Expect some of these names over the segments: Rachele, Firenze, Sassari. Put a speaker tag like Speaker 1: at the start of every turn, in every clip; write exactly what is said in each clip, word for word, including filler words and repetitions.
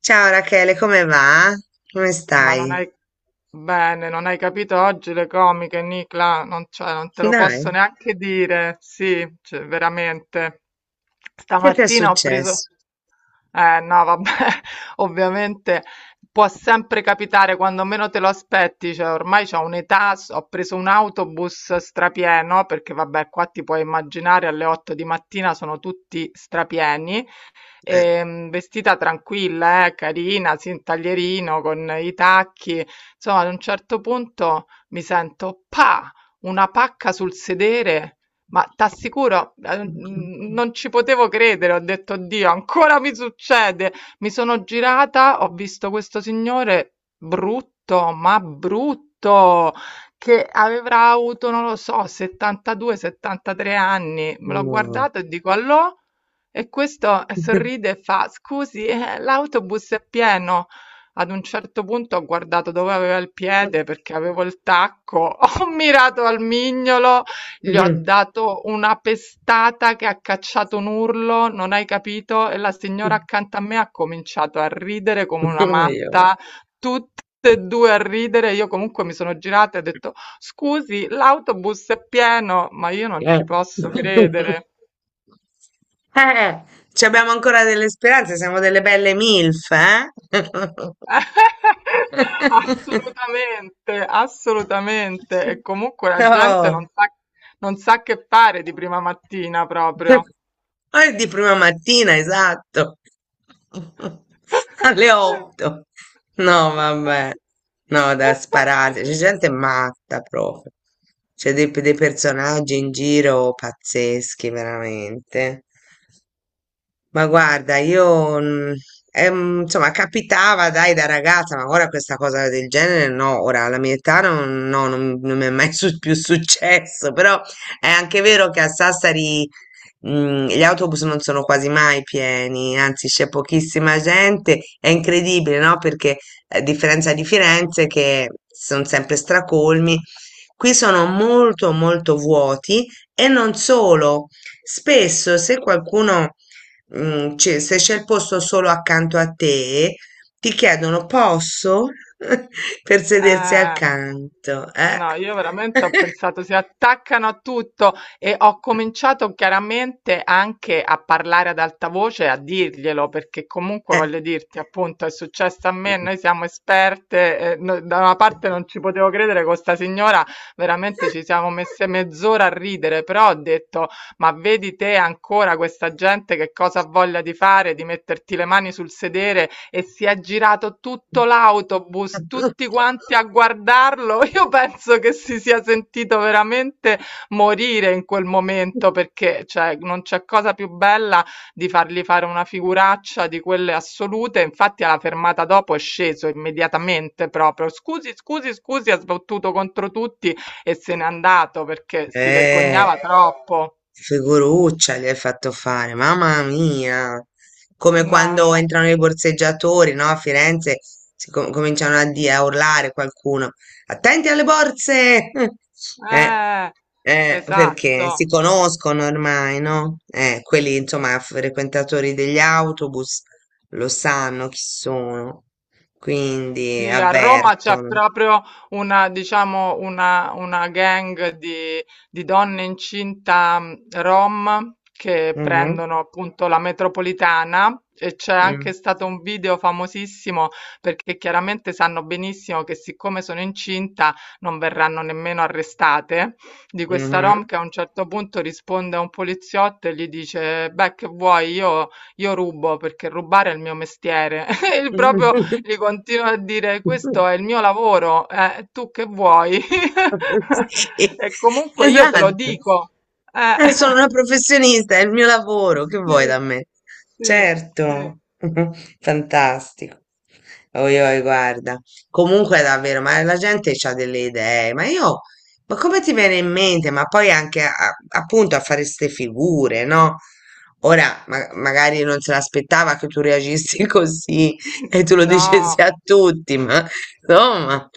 Speaker 1: Ciao Rachele, come va? Come
Speaker 2: Ma non
Speaker 1: stai?
Speaker 2: hai... Bene, non hai capito oggi le comiche, Nicla, non, cioè, non te lo
Speaker 1: Dai,
Speaker 2: posso neanche dire, sì, cioè, veramente.
Speaker 1: che ti è
Speaker 2: Stamattina ho preso...
Speaker 1: successo?
Speaker 2: Eh no, vabbè, ovviamente può sempre capitare quando meno te lo aspetti, cioè ormai c'ho un'età, s- ho preso un autobus strapieno, perché vabbè, qua ti puoi immaginare alle otto di mattina sono tutti strapieni,
Speaker 1: Eh.
Speaker 2: ehm, vestita tranquilla, eh, carina, sì, un taglierino con i tacchi. Insomma, ad un certo punto mi sento pa, una pacca sul sedere. Ma t'assicuro, eh, n- non ci potevo credere, ho detto, Dio, ancora mi succede. Mi sono girata, ho visto questo signore brutto, ma brutto, che avrà avuto, non lo so, settantadue settantatré anni. Me l'ho
Speaker 1: Oh.
Speaker 2: guardato e dico, allò? E questo sorride e fa: "Scusi, eh, l'autobus è pieno". Ad un certo punto ho guardato dove aveva il piede perché avevo il tacco, ho mirato al mignolo, gli ho dato una pestata che ha cacciato un urlo, non hai capito? E la signora accanto a me ha cominciato a ridere come una
Speaker 1: Io.
Speaker 2: matta, tutte e due a ridere. Io comunque mi sono girata e ho detto: "Scusi, l'autobus è pieno", ma io non
Speaker 1: Eh,
Speaker 2: ci posso credere.
Speaker 1: Eh, Ci abbiamo ancora delle speranze, siamo delle belle MILF, eh?
Speaker 2: Assolutamente, assolutamente. E comunque la gente
Speaker 1: Oh.
Speaker 2: non sa, non sa che fare di prima mattina proprio.
Speaker 1: Ah, è di prima mattina, esatto. Alle otto. No, vabbè. No, da sparare. C'è gente matta proprio. C'è dei, dei personaggi in giro pazzeschi, veramente. Ma guarda, io mm, ehm, insomma capitava dai da ragazza, ma ora questa cosa del genere no, ora alla mia età non, no, non- non mi è mai su- più successo, però è anche vero che a Sassari mm, gli autobus non sono quasi mai pieni, anzi c'è pochissima gente, è incredibile, no? Perché a differenza di Firenze che sono sempre stracolmi, qui sono molto molto vuoti e non solo, spesso se qualcuno Mm, cioè, se c'è il posto solo accanto a te, ti chiedono posso per sedersi
Speaker 2: Eh,
Speaker 1: accanto. Eh?
Speaker 2: no, io veramente ho pensato si attaccano a tutto e ho cominciato chiaramente anche a parlare ad alta voce, a dirglielo, perché comunque
Speaker 1: Eh.
Speaker 2: voglio dirti, appunto, è successo a me, noi siamo esperte, eh, no- da una parte non ci potevo credere con sta signora, veramente ci siamo messe mezz'ora a ridere, però ho detto, ma vedi te ancora questa gente che cosa ha voglia di fare, di metterti le mani sul sedere e si è girato tutto l'autobus, tutti quanti a guardarlo. Io penso che si sia sentito veramente morire in quel momento perché cioè, non c'è cosa più bella di fargli fare una figuraccia di quelle assolute. Infatti, alla fermata dopo è sceso immediatamente proprio. Scusi, scusi, scusi, ha sbattuto contro tutti e se n'è andato perché si
Speaker 1: Eh.
Speaker 2: vergognava troppo.
Speaker 1: Figuruccia gli hai fatto fare, mamma mia! Come
Speaker 2: Non...
Speaker 1: quando entrano i borseggiatori, no? A Firenze si com- cominciano a, dire, a urlare qualcuno. Attenti alle borse! Eh,
Speaker 2: Eh,
Speaker 1: eh, perché
Speaker 2: esatto.
Speaker 1: si conoscono ormai, no? Eh, quelli, insomma, frequentatori degli autobus lo sanno chi sono, quindi
Speaker 2: Sì, a Roma c'è
Speaker 1: avvertono.
Speaker 2: proprio una, diciamo, una, una gang di, di donne incinta, mh, rom che
Speaker 1: Mhm,
Speaker 2: prendono appunto la metropolitana e c'è
Speaker 1: mm,
Speaker 2: anche stato un video famosissimo perché chiaramente sanno benissimo che siccome sono incinta non verranno nemmeno arrestate, di questa rom che a un certo punto risponde a un poliziotto e gli dice, beh, che vuoi, io, io rubo perché rubare è il mio mestiere. E proprio
Speaker 1: mhm.
Speaker 2: gli continuo a dire questo è il mio lavoro, eh, tu che vuoi?
Speaker 1: Sì,
Speaker 2: E comunque io te lo
Speaker 1: esatto.
Speaker 2: dico. Eh,
Speaker 1: Eh, sono una professionista, è il mio lavoro, che vuoi da
Speaker 2: sì,
Speaker 1: me?
Speaker 2: sì, sì.
Speaker 1: Certo, fantastico. Oi, oi, guarda. Comunque, davvero, ma la gente ha delle idee, ma io, ma come ti viene in mente? Ma poi anche a- appunto a fare ste figure, no? Ora, ma- magari non se l'aspettava che tu reagissi così e tu lo
Speaker 2: No,
Speaker 1: dicessi a tutti, ma insomma,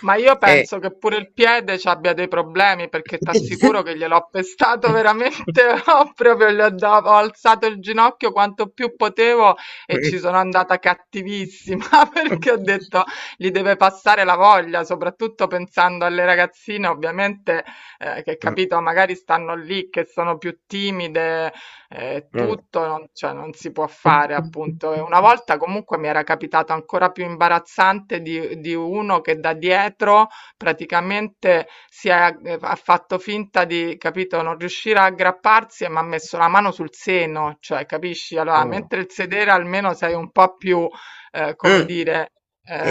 Speaker 2: ma io
Speaker 1: Eh,
Speaker 2: penso che pure il piede ci abbia dei problemi perché t'assicuro che gliel'ho pestato veramente, ho proprio gli ho, da- ho alzato il ginocchio quanto più potevo e ci sono andata cattivissima, perché ho detto gli deve passare la voglia, soprattutto pensando alle ragazzine, ovviamente, eh, che capito, magari stanno lì che sono più timide, eh, tutto, non, cioè non si può fare appunto. E una volta comunque mi era capitato ancora più imbarazzante di, di uno che da dietro praticamente si è, eh, ha fatto finta di, capito, non riuscire a aggrapparsi e mi ha messo la mano sul seno, cioè capisci? Allora, mentre il sedere almeno sei un po' più, eh, come
Speaker 1: Mm,
Speaker 2: dire,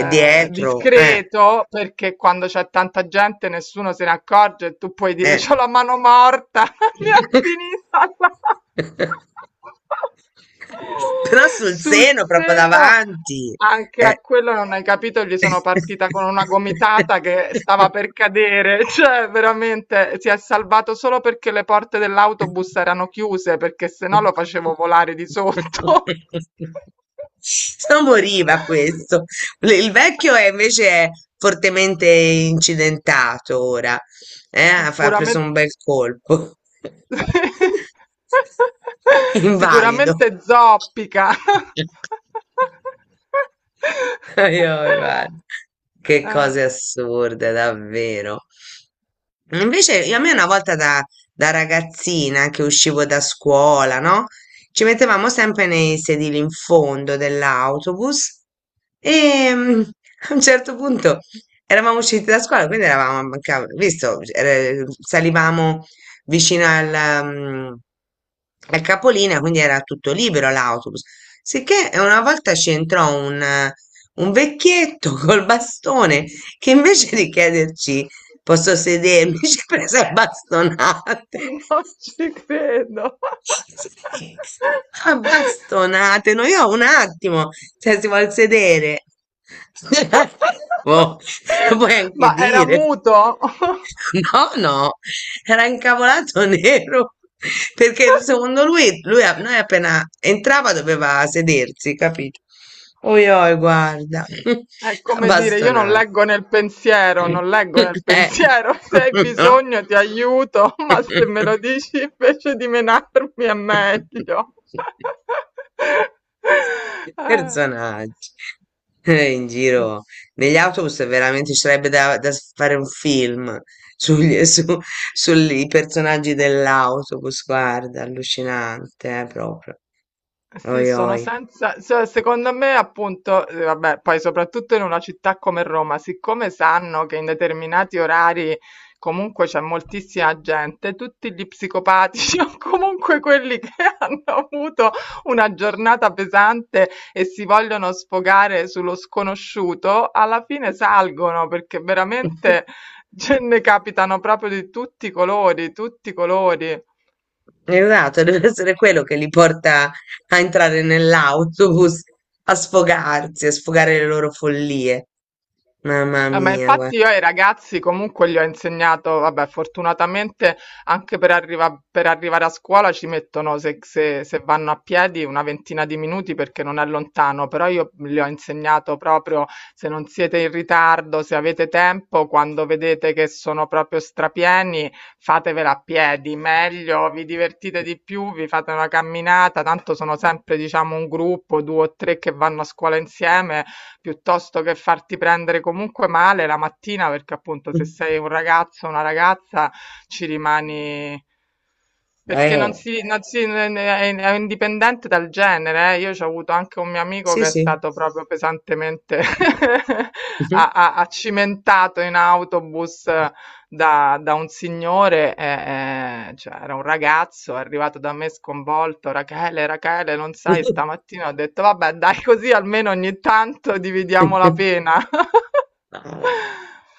Speaker 1: e dietro, eh,
Speaker 2: discreto, perché quando c'è tanta gente nessuno se ne accorge e tu puoi dire
Speaker 1: eh.
Speaker 2: c'ho la mano morta, mi è finita la...
Speaker 1: Però sul
Speaker 2: sul
Speaker 1: seno, proprio
Speaker 2: seno.
Speaker 1: davanti.
Speaker 2: Anche a
Speaker 1: Eh.
Speaker 2: quello non hai capito, gli sono partita con una gomitata che stava per cadere, cioè veramente si è salvato solo perché le porte dell'autobus erano chiuse, perché se no lo facevo volare di sotto.
Speaker 1: Non moriva questo. Le- Il vecchio è invece è fortemente incidentato ora. eh, Ha fa- ha preso
Speaker 2: Sicuramente,
Speaker 1: un bel colpo. È
Speaker 2: sicuramente
Speaker 1: invalido.
Speaker 2: zoppica.
Speaker 1: Ai, ai, guarda. Che
Speaker 2: Eh,
Speaker 1: cose assurde, davvero. Invece a me una volta da da ragazzina che uscivo da scuola, no? Ci mettevamo sempre nei sedili in fondo dell'autobus e mm, a un certo punto eravamo usciti da scuola, quindi eravamo, manca- visto, eh, salivamo vicino alla, mm, al capolinea, quindi era tutto libero l'autobus. Sicché una volta ci entrò un, eh, un vecchietto col bastone che invece di chiederci posso sedermi? Ci ha preso a bastonate.
Speaker 2: non ci credo.
Speaker 1: Sì, a bastonate. No, io un attimo, se si vuol sedere. Boh, lo puoi anche
Speaker 2: Ma era
Speaker 1: dire.
Speaker 2: muto?
Speaker 1: No, no, era incavolato nero perché secondo lui, lui a- noi appena entrava doveva sedersi, capito? Oi, oi, guarda,
Speaker 2: È come dire, io non
Speaker 1: abbastonati.
Speaker 2: leggo nel pensiero, non
Speaker 1: Eh,
Speaker 2: leggo nel pensiero, se hai
Speaker 1: no?
Speaker 2: bisogno ti aiuto, ma se me lo dici invece di menarmi è meglio.
Speaker 1: Personaggi eh, in
Speaker 2: Eh.
Speaker 1: giro negli autobus è veramente ci sarebbe da, da s- fare un film sugli, su, sui personaggi dell'autobus, guarda, allucinante, eh, proprio.
Speaker 2: Sì,
Speaker 1: Oi,
Speaker 2: sono
Speaker 1: oi.
Speaker 2: senza, se- secondo me appunto, eh, vabbè, poi soprattutto in una città come Roma, siccome sanno che in determinati orari comunque c'è moltissima gente, tutti gli psicopatici o comunque quelli che hanno avuto una giornata pesante e si vogliono sfogare sullo sconosciuto, alla fine salgono perché veramente ce ne capitano proprio di tutti i colori, tutti i colori.
Speaker 1: Esatto, deve essere quello che li porta a entrare nell'autobus, a sfogarsi, a sfogare le loro follie. Mamma
Speaker 2: No, ma
Speaker 1: mia, guarda.
Speaker 2: infatti io ai ragazzi comunque gli ho insegnato, vabbè, fortunatamente anche per, arriva- per arrivare a scuola ci mettono, se, se- se vanno a piedi, una ventina di minuti perché non è lontano, però io gli ho insegnato proprio, se non siete in ritardo, se avete tempo, quando vedete che sono proprio strapieni, fatevela a piedi, meglio, vi divertite di più, vi fate una camminata, tanto sono sempre, diciamo, un gruppo, due o tre che vanno a scuola insieme, piuttosto che farti prendere comunque male la mattina, perché appunto se sei un ragazzo o una ragazza ci rimani. Perché non
Speaker 1: Eh,
Speaker 2: si, non si- è è indipendente dal genere, eh. Io ho avuto anche un mio amico
Speaker 1: sì,
Speaker 2: che è
Speaker 1: sì.
Speaker 2: stato proprio pesantemente a- a- accimentato in autobus da, da un signore, eh, eh, cioè era un ragazzo, è arrivato da me sconvolto, Rachele, Rachele, non sai, stamattina ho detto, vabbè, dai così almeno ogni tanto dividiamo la pena.
Speaker 1: No,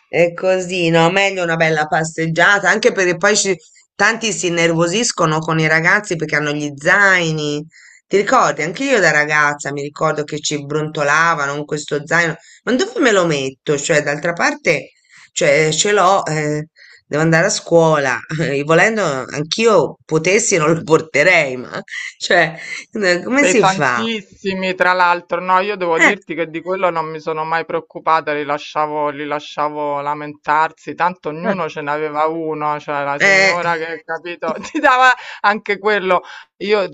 Speaker 1: è così, no? Meglio una bella passeggiata, anche perché poi ci- tanti si innervosiscono con i ragazzi perché hanno gli zaini. Ti ricordi? Anche io da ragazza mi ricordo che ci brontolavano con questo zaino. Ma dove me lo metto? Cioè, d'altra parte, cioè, ce l'ho, eh, devo andare a scuola. E volendo, anch'io potessi non lo porterei, ma cioè, eh, come si fa?
Speaker 2: Pesantissimi, tra l'altro. No, io devo
Speaker 1: Eh,
Speaker 2: dirti che di quello non mi sono mai preoccupata, li lasciavo, li lasciavo lamentarsi, tanto ognuno ce n'aveva uno, cioè la
Speaker 1: eh.
Speaker 2: signora che, capito, ti dava anche quello. Io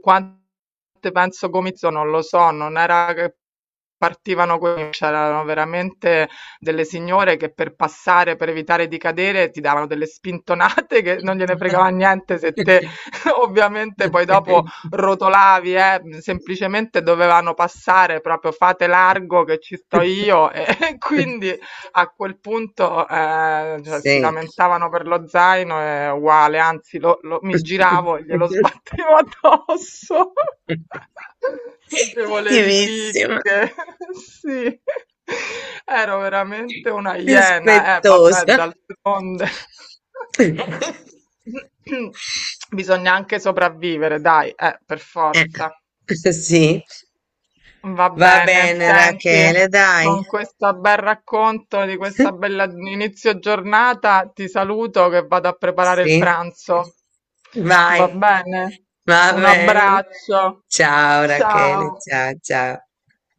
Speaker 2: quante penso comizio non lo so, non era che partivano quelli, c'erano veramente delle signore che per passare, per evitare di cadere, ti davano delle spintonate che non gliene fregava niente se
Speaker 1: eh.
Speaker 2: te ovviamente poi
Speaker 1: Okay.
Speaker 2: dopo rotolavi, eh, semplicemente dovevano passare proprio, fate largo che ci sto io, e quindi a quel punto, ehm, cioè si
Speaker 1: Sì.
Speaker 2: lamentavano per lo zaino, è uguale, anzi lo lo mi giravo e glielo sbattevo addosso. Facevo le
Speaker 1: Attivissima,
Speaker 2: ripicche, sì. Ero veramente una iena, eh vabbè,
Speaker 1: rispettosa.
Speaker 2: d'altronde. Bisogna anche sopravvivere, dai, eh, per forza.
Speaker 1: Eh, sì,
Speaker 2: Va
Speaker 1: va
Speaker 2: bene,
Speaker 1: bene
Speaker 2: senti,
Speaker 1: Rachele, dai.
Speaker 2: con questo bel racconto di questa bella inizio giornata ti saluto che vado a preparare il
Speaker 1: Sì,
Speaker 2: pranzo.
Speaker 1: vai.
Speaker 2: Va bene?
Speaker 1: Va
Speaker 2: Un
Speaker 1: bene.
Speaker 2: abbraccio.
Speaker 1: Ciao Rachele,
Speaker 2: Ciao.
Speaker 1: ciao ciao.